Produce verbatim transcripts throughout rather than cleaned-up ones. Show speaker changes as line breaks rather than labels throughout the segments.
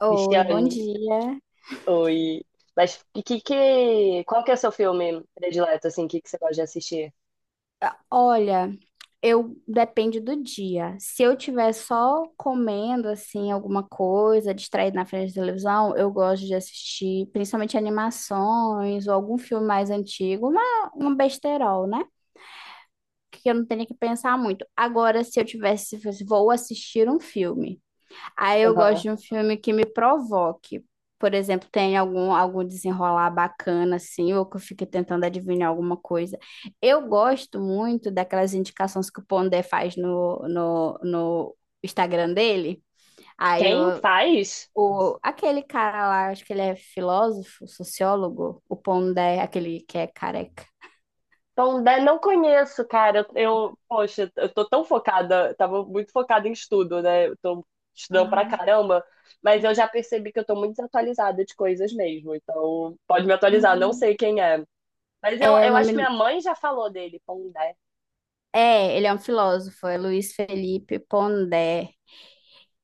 Oi, bom
Cristiane,
dia.
oi. Mas e que, que, qual que é o seu filme predileto, assim, que, que você gosta de assistir?
Olha, eu depende do dia. Se eu tiver só comendo assim alguma coisa, distraída na frente da televisão, eu gosto de assistir principalmente animações ou algum filme mais antigo, uma, um besterol, né? Que eu não tenho que pensar muito. Agora, se eu tivesse, se fosse, vou assistir um filme. Aí eu gosto
Aham.
de um filme que me provoque. Por exemplo, tem algum, algum desenrolar bacana, assim, ou que eu fique tentando adivinhar alguma coisa. Eu gosto muito daquelas indicações que o Pondé faz no, no, no Instagram dele. Aí eu,
Quem faz?
o, aquele cara lá, acho que ele é filósofo, sociólogo, o Pondé, aquele que é careca.
Então, né, não conheço, cara. Eu, eu- poxa, eu tô tão focada, tava muito focada em estudo, né? Eu tô estudando pra
Ah.
caramba, mas eu já percebi que eu tô muito desatualizada de coisas mesmo. Então, pode me atualizar, não
Hum.
sei quem é. Mas eu,
É, o
eu acho
nome...
que minha mãe já falou dele, Pondé.
É, ele é um filósofo, é Luiz Felipe Pondé.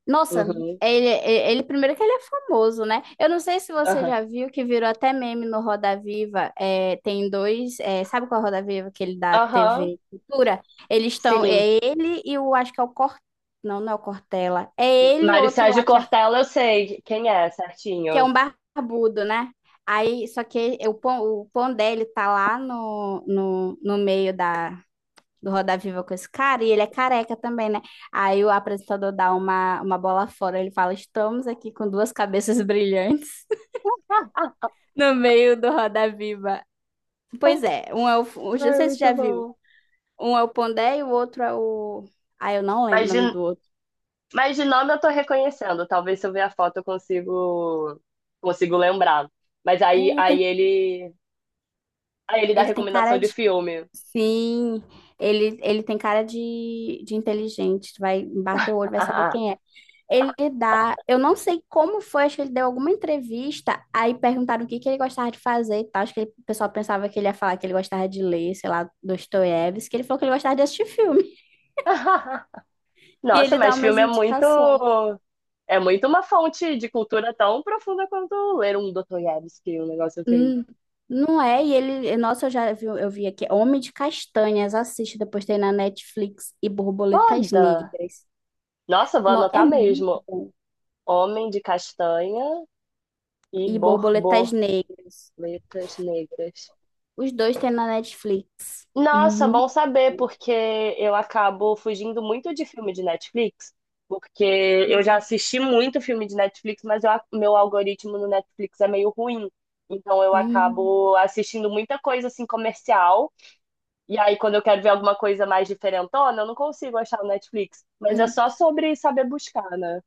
Nossa,
Uhum.
ele, ele primeiro que ele é famoso, né? Eu não sei se você
Aham.
já viu que virou até meme no Roda Viva. É, tem dois, é, sabe qual é o Roda Viva que ele dá
Aham.
T V Cultura? Eles estão,
Sim.
é ele e o, acho que é o Cor, não, não é o Cortella. É ele e
Mário
outro
Sérgio
lá que é,
Cortella, eu sei quem é,
que é
certinho.
um barbudo, né? Aí, só que o pão, o pão dele tá lá no, no, no meio da, do Roda Viva com esse cara, e ele é careca também, né? Aí o apresentador dá uma, uma bola fora, ele fala: Estamos aqui com duas cabeças brilhantes
Ah,
no meio do Roda Viva. Pois é, um é o. Não sei
ai,
se você já
muito
viu.
bom.
Um é o Pondé e o outro é o. Ah, eu não lembro o
mas
nome
de,
do outro.
mas de nome eu tô reconhecendo. Talvez se eu ver a foto eu consigo, consigo lembrar. Mas
É,
aí,
ele tem,
aí ele, aí ele dá
ele tem
recomendação
cara
de
de.
filme.
Sim, ele, ele tem cara de, de inteligente. Vai bater o olho, vai saber quem é. Ele dá, eu não sei como foi, acho que ele deu alguma entrevista, aí perguntaram o que que ele gostava de fazer e tal. Acho que ele- o pessoal pensava que ele ia falar que ele gostava de ler, sei lá, Dostoiévski, que ele falou que ele gostava de assistir filme. E
Nossa,
ele dá
mas
umas
filme é muito,
indicações.
é muito uma fonte de cultura tão profunda quanto ler um Dostoiévski, um negócio assim.
Hum, não é? E ele, nossa, eu já vi, eu vi aqui, Homem de Castanhas, assiste, depois tem na Netflix e Borboletas
Foda!
Negras.
Nossa, vou
Não, é
anotar
muito
mesmo.
bom.
Homem de Castanha e
E Borboletas
Borbô.
Negras.
Letras negras.
Os dois tem na Netflix.
Nossa,
Muito
bom saber,
bom.
porque eu acabo fugindo muito de filme de Netflix, porque eu já
Hum.
assisti muito filme de Netflix, mas eu- meu algoritmo no Netflix é meio ruim. Então eu
Hum.
acabo assistindo muita coisa assim comercial, e aí quando eu quero ver alguma coisa mais diferentona, eu não consigo achar no Netflix. Mas é
Hum.
só sobre saber buscar, né?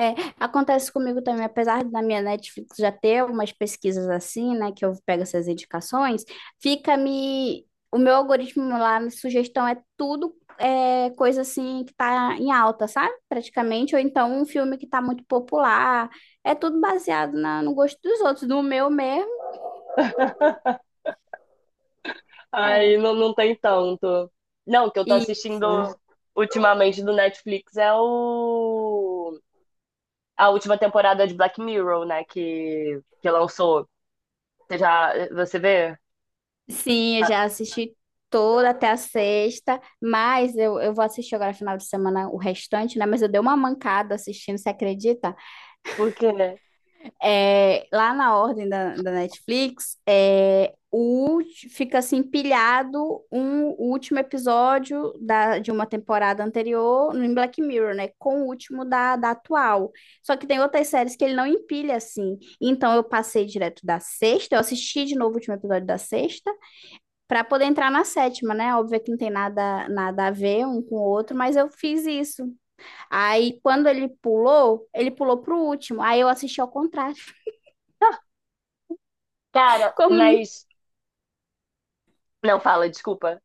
É, acontece comigo também, apesar da minha Netflix já ter umas pesquisas assim, né, que eu pego essas indicações, fica me... O meu algoritmo lá, minha sugestão é tudo é, coisa assim que tá em alta, sabe? Praticamente, ou então um filme que tá muito popular. É tudo baseado na- no gosto dos outros, no meu mesmo,
Aí
é.
não, não tem tanto. Não, o que eu tô assistindo
Isso.
ultimamente do Netflix é o a última temporada de Black Mirror, né? Que, que lançou. Você já. Você vê?
Sim, eu
Ah,
já assisti toda até a sexta, mas eu, eu vou assistir agora final de semana o restante, né? Mas eu dei uma mancada assistindo, você acredita?
por quê, né?
É, lá na ordem da, da Netflix, é, o, ulti- fica assim empilhado um o último episódio da, de uma temporada anterior no em Black Mirror, né? Com o último da, da atual. Só que tem outras séries que ele não empilha assim. Então eu passei direto da sexta, eu assisti de novo o último episódio da sexta, para poder entrar na sétima, né? Óbvio que não tem nada, nada a ver um com o outro, mas eu fiz isso. Aí quando ele pulou, ele pulou pro último. Aí eu assisti ao contrário.
Ah, cara,
Como
mas. Não, fala, desculpa.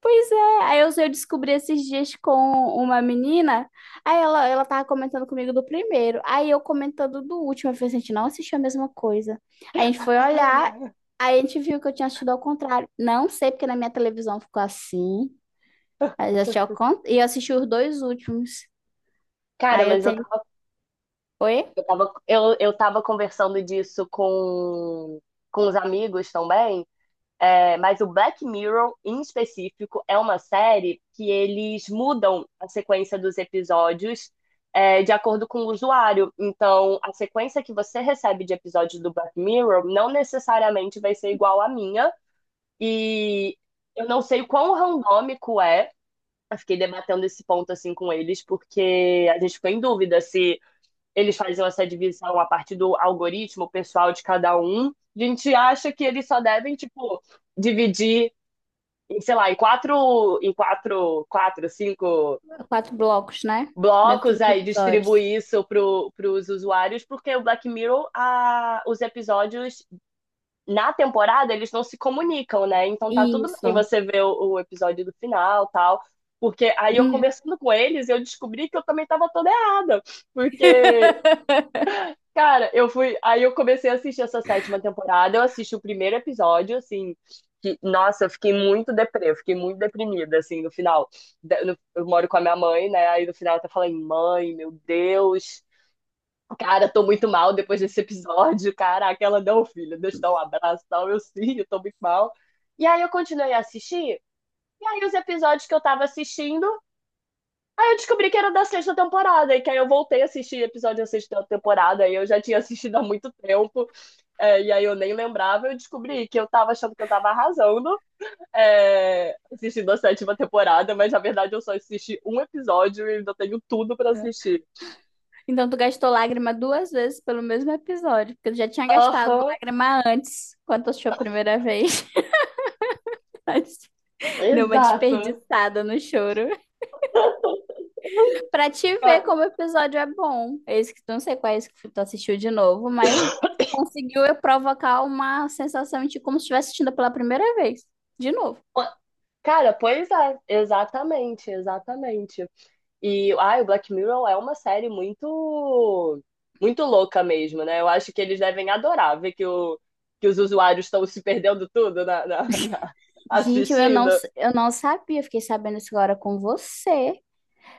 pois é, aí eu, eu descobri esses dias com uma menina, aí ela, ela tava comentando comigo do primeiro, aí eu comentando do último, eu falei assim, a gente não assistiu a mesma coisa. Aí a gente foi olhar, aí a gente viu que eu tinha assistido ao contrário. Não sei porque na minha televisão ficou assim, mas eu assisti ao contrário, e eu assisti os dois últimos.
Cara,
Aí eu
mas eu
tenho,
tava,
oi?
eu tava, eu, eu tava conversando disso com, com os amigos também. É, mas o Black Mirror, em específico, é uma série que eles mudam a sequência dos episódios é, de acordo com o usuário. Então, a sequência que você recebe de episódios do Black Mirror não necessariamente vai ser igual à minha. E eu não sei o quão randômico é. Eu fiquei debatendo esse ponto assim com eles, porque a gente ficou em dúvida se eles faziam essa divisão a partir do algoritmo pessoal de cada um. A gente acha que eles só devem, tipo, dividir em, sei lá, em quatro, em quatro, quatro, cinco
Quatro blocos, né? Dentro
blocos,
dos
aí
episódios.
distribuir isso pro os usuários, porque o Black Mirror, a, os episódios na temporada, eles não se comunicam, né? Então tá tudo bem
Isso.
você ver o, o episódio do final tal. Porque aí eu
Hum.
conversando com eles, eu descobri que eu também estava toda errada. Porque cara, eu fui. Aí eu comecei a assistir essa sétima temporada. Eu assisti o primeiro episódio, assim. Que, nossa, eu fiquei muito deprê, eu fiquei muito deprimida, assim, no final. De- no- Eu moro com a minha mãe, né? Aí no final eu até falei, mãe, meu Deus. Cara, tô muito mal depois desse episódio. Caraca, ela não, filha, deixa eu dar um abraço e tal. Eu sim, eu tô muito mal. E aí eu continuei a assistir. E aí os episódios que eu tava assistindo, aí eu descobri que era da sexta temporada. E que aí eu voltei a assistir episódio da sexta temporada. E eu já tinha assistido há muito tempo. É, e aí eu nem lembrava, eu descobri que eu tava achando que eu tava arrasando, é, assistindo a sétima temporada, mas na verdade eu só assisti um episódio e ainda tenho tudo pra assistir.
Então, tu gastou lágrima duas vezes pelo mesmo episódio, porque tu já tinha gastado
Aham,
lágrima antes, quando tu assistiu a primeira vez. Mas deu uma
exato.
desperdiçada no choro. Pra te ver como o episódio é bom. Esse que tu não sei qual é esse que tu assistiu de novo, mas conseguiu eu provocar uma sensação de como se estivesse assistindo pela primeira vez. De novo.
Cara, pois é, exatamente, exatamente. E ai, o Black Mirror é uma série muito muito louca mesmo, né? Eu acho que eles devem adorar ver que, o, que os usuários estão se perdendo tudo na, na- na-
Gente, eu
assistindo.
não, eu não sabia, fiquei sabendo isso agora com você.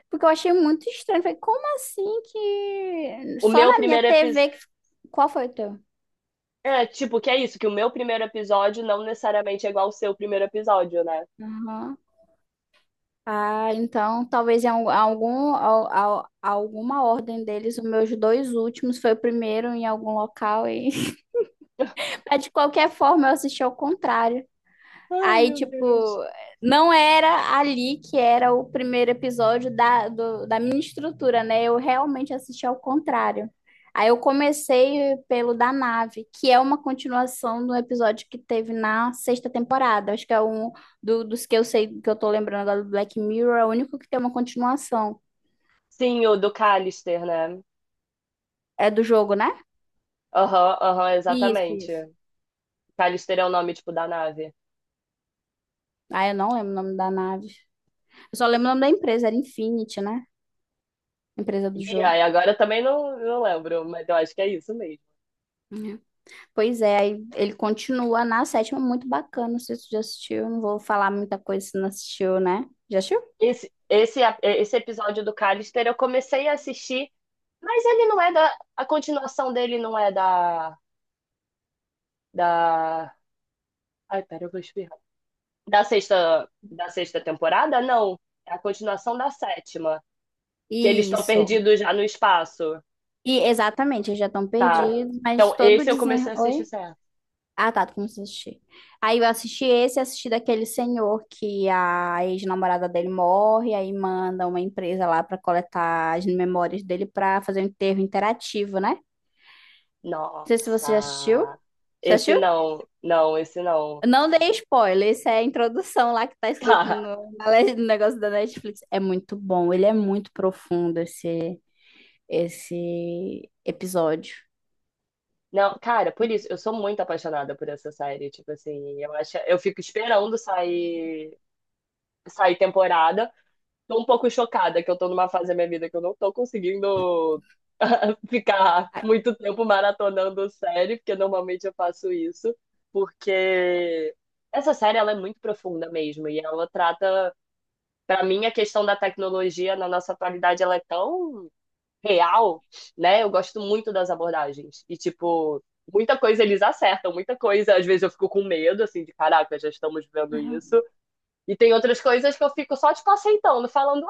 Porque eu achei muito estranho. Falei, como assim que.
O
Só
meu
na minha
primeiro episódio.
T V que. Qual foi o teu?
É, tipo, que é isso, que o meu primeiro episódio não necessariamente é igual ao seu primeiro episódio, né?
Aham. Ah, então talvez em al- algum, al- al- alguma ordem deles, os meus dois últimos foi o primeiro em algum local e mas de qualquer forma eu assisti ao contrário.
Ai,
Aí,
meu
tipo,
Deus.
não era ali que era o primeiro episódio da, do- da minha estrutura, né? Eu realmente assisti ao contrário. Aí eu comecei pelo da nave, que é uma continuação do episódio que teve na sexta temporada. Acho que é um do- dos que eu sei, que eu tô lembrando agora do Black Mirror, é o único que tem uma continuação.
Sim, o do Callister, né?
É do jogo, né?
Aham, aham,
Isso, isso.
exatamente. Callister é o nome, tipo, da nave.
Ah, eu não lembro o nome da nave. Eu só lembro o nome da empresa, era Infinity, né? Empresa do
E aí,
jogo.
agora eu também não, não lembro, mas eu acho que é isso mesmo.
Pois é, aí ele continua na sétima, muito bacana. Não sei se você já assistiu, não vou falar muita coisa se não assistiu, né? Já assistiu?
Esse, esse, esse episódio do Callister eu comecei a assistir, mas ele não é da. A continuação dele não é da. Da. Ai, pera, eu vou espirrar. Da sexta, da sexta temporada? Não. É a continuação da sétima. Que eles estão
Isso.
perdidos já no espaço.
E exatamente, eles já estão
Tá.
perdidos, mas
Então,
todo o
esse eu comecei
desenrolar.
a assistir
Oi?
certo.
Ah, tá, tu começou a assistir. Aí eu assisti esse, assisti daquele senhor que a ex-namorada dele morre, aí manda uma empresa lá pra coletar as memórias dele pra fazer um enterro interativo, né? Não sei se você já assistiu.
Nossa.
Você
Esse
assistiu?
não. Não, esse não.
Não dei spoiler, isso é a introdução lá que tá escrito
Tá.
no, na le- no negócio da Netflix. É muito bom, ele é muito profundo esse, esse episódio.
Não, cara, por isso, eu sou muito apaixonada por essa série. Tipo assim, eu acho, eu fico esperando sair, sair temporada. Tô um pouco chocada que eu tô numa fase da minha vida que eu não tô conseguindo ficar
Ai,
muito tempo maratonando série, porque normalmente eu faço isso, porque essa série ela é muito profunda mesmo e ela trata, para mim, a questão da tecnologia na nossa atualidade ela é tão real, né? Eu gosto muito das abordagens e tipo muita coisa eles acertam, muita coisa. Às vezes eu fico com medo, assim, de caraca, já estamos vendo isso.
uhum.
E tem outras coisas que eu fico só, tipo, aceitando, falando,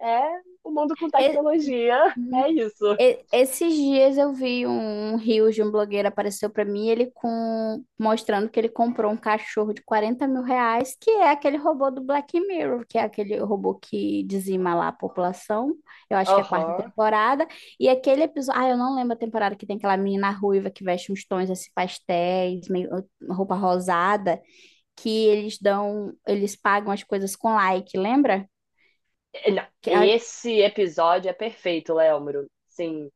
é, é o mundo com tecnologia,
E-
é isso.
E- Esses dias eu vi um um reel de um blogueiro apareceu pra mim, ele com mostrando que ele comprou um cachorro de quarenta mil reais, que é aquele robô do Black Mirror, que é aquele robô que dizima lá a população. Eu acho que é a quarta
Aham.
temporada. E aquele episódio, ah, eu não lembro a temporada que tem aquela menina ruiva que veste uns tons assim pastéis, meio roupa rosada, que eles dão, eles pagam as coisas com like, lembra?
Não,
Que a-
esse episódio é perfeito, Léomuro. Sim,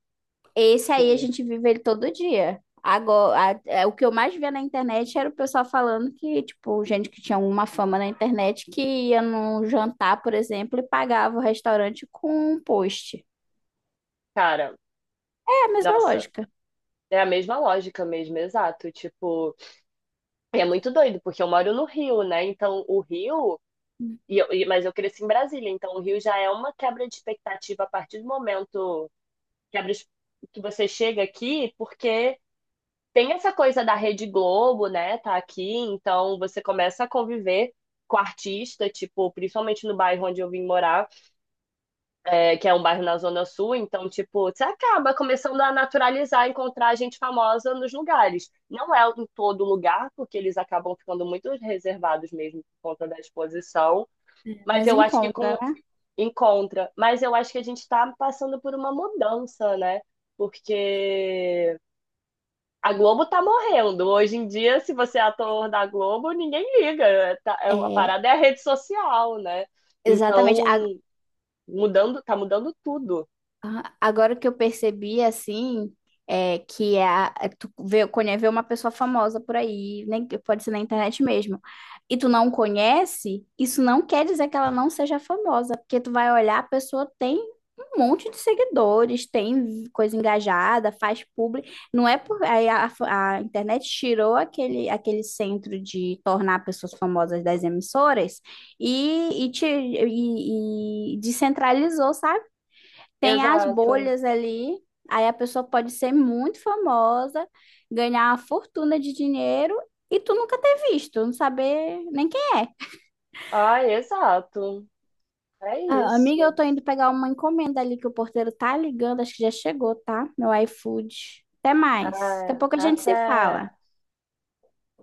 Esse aí a
sim.
gente vive ele todo dia. Agora, a- é, o que eu mais via na internet era o pessoal falando que, tipo, gente que tinha uma fama na internet que ia num jantar, por exemplo, e pagava o restaurante com um post.
Cara,
É a mesma
nossa,
lógica,
é a mesma lógica mesmo, exato. Tipo, é muito doido, porque eu moro no Rio, né? Então, o Rio. E eu- e- mas eu cresci em Brasília, então o Rio já é uma quebra de expectativa a partir do momento quebra es- que você chega aqui, porque tem essa coisa da Rede Globo, né? Tá aqui, então você começa a conviver com artista, tipo, principalmente no bairro onde eu vim morar é, que é um bairro na Zona Sul, então, tipo, você acaba começando a naturalizar, encontrar gente famosa nos lugares. Não é em todo lugar, porque eles acabam ficando muito reservados mesmo por conta da exposição, mas
mas
eu acho que
encontra,
com
né?
encontra. Mas eu acho que a gente está passando por uma mudança, né? Porque a Globo tá morrendo. Hoje em dia, se você é ator da Globo, ninguém liga. É, tá- é- A
É,
parada é a rede social, né?
exatamente.
Então, mudando, tá mudando tudo.
Ah, agora que eu percebi, assim, é que é a, é tu vê, conhe- vê uma pessoa famosa por aí, nem, pode ser na internet mesmo, e tu não conhece, isso não quer dizer que ela não seja famosa, porque tu vai olhar, a pessoa tem um monte de seguidores, tem coisa engajada, faz publi, não é por... Aí a, a internet tirou aquele, aquele centro de tornar pessoas famosas das emissoras e, e, te, e e descentralizou, sabe? Tem as
Exato.
bolhas ali, aí a pessoa pode ser muito famosa, ganhar uma fortuna de dinheiro e tu nunca ter visto, não saber nem quem é.
Ai, exato. É
Ah, amiga,
isso.
eu tô indo pegar uma encomenda ali que o porteiro tá ligando, acho que já chegou, tá? Meu iFood. Até mais. Daqui
Ai,
a pouco a gente se
até.
fala.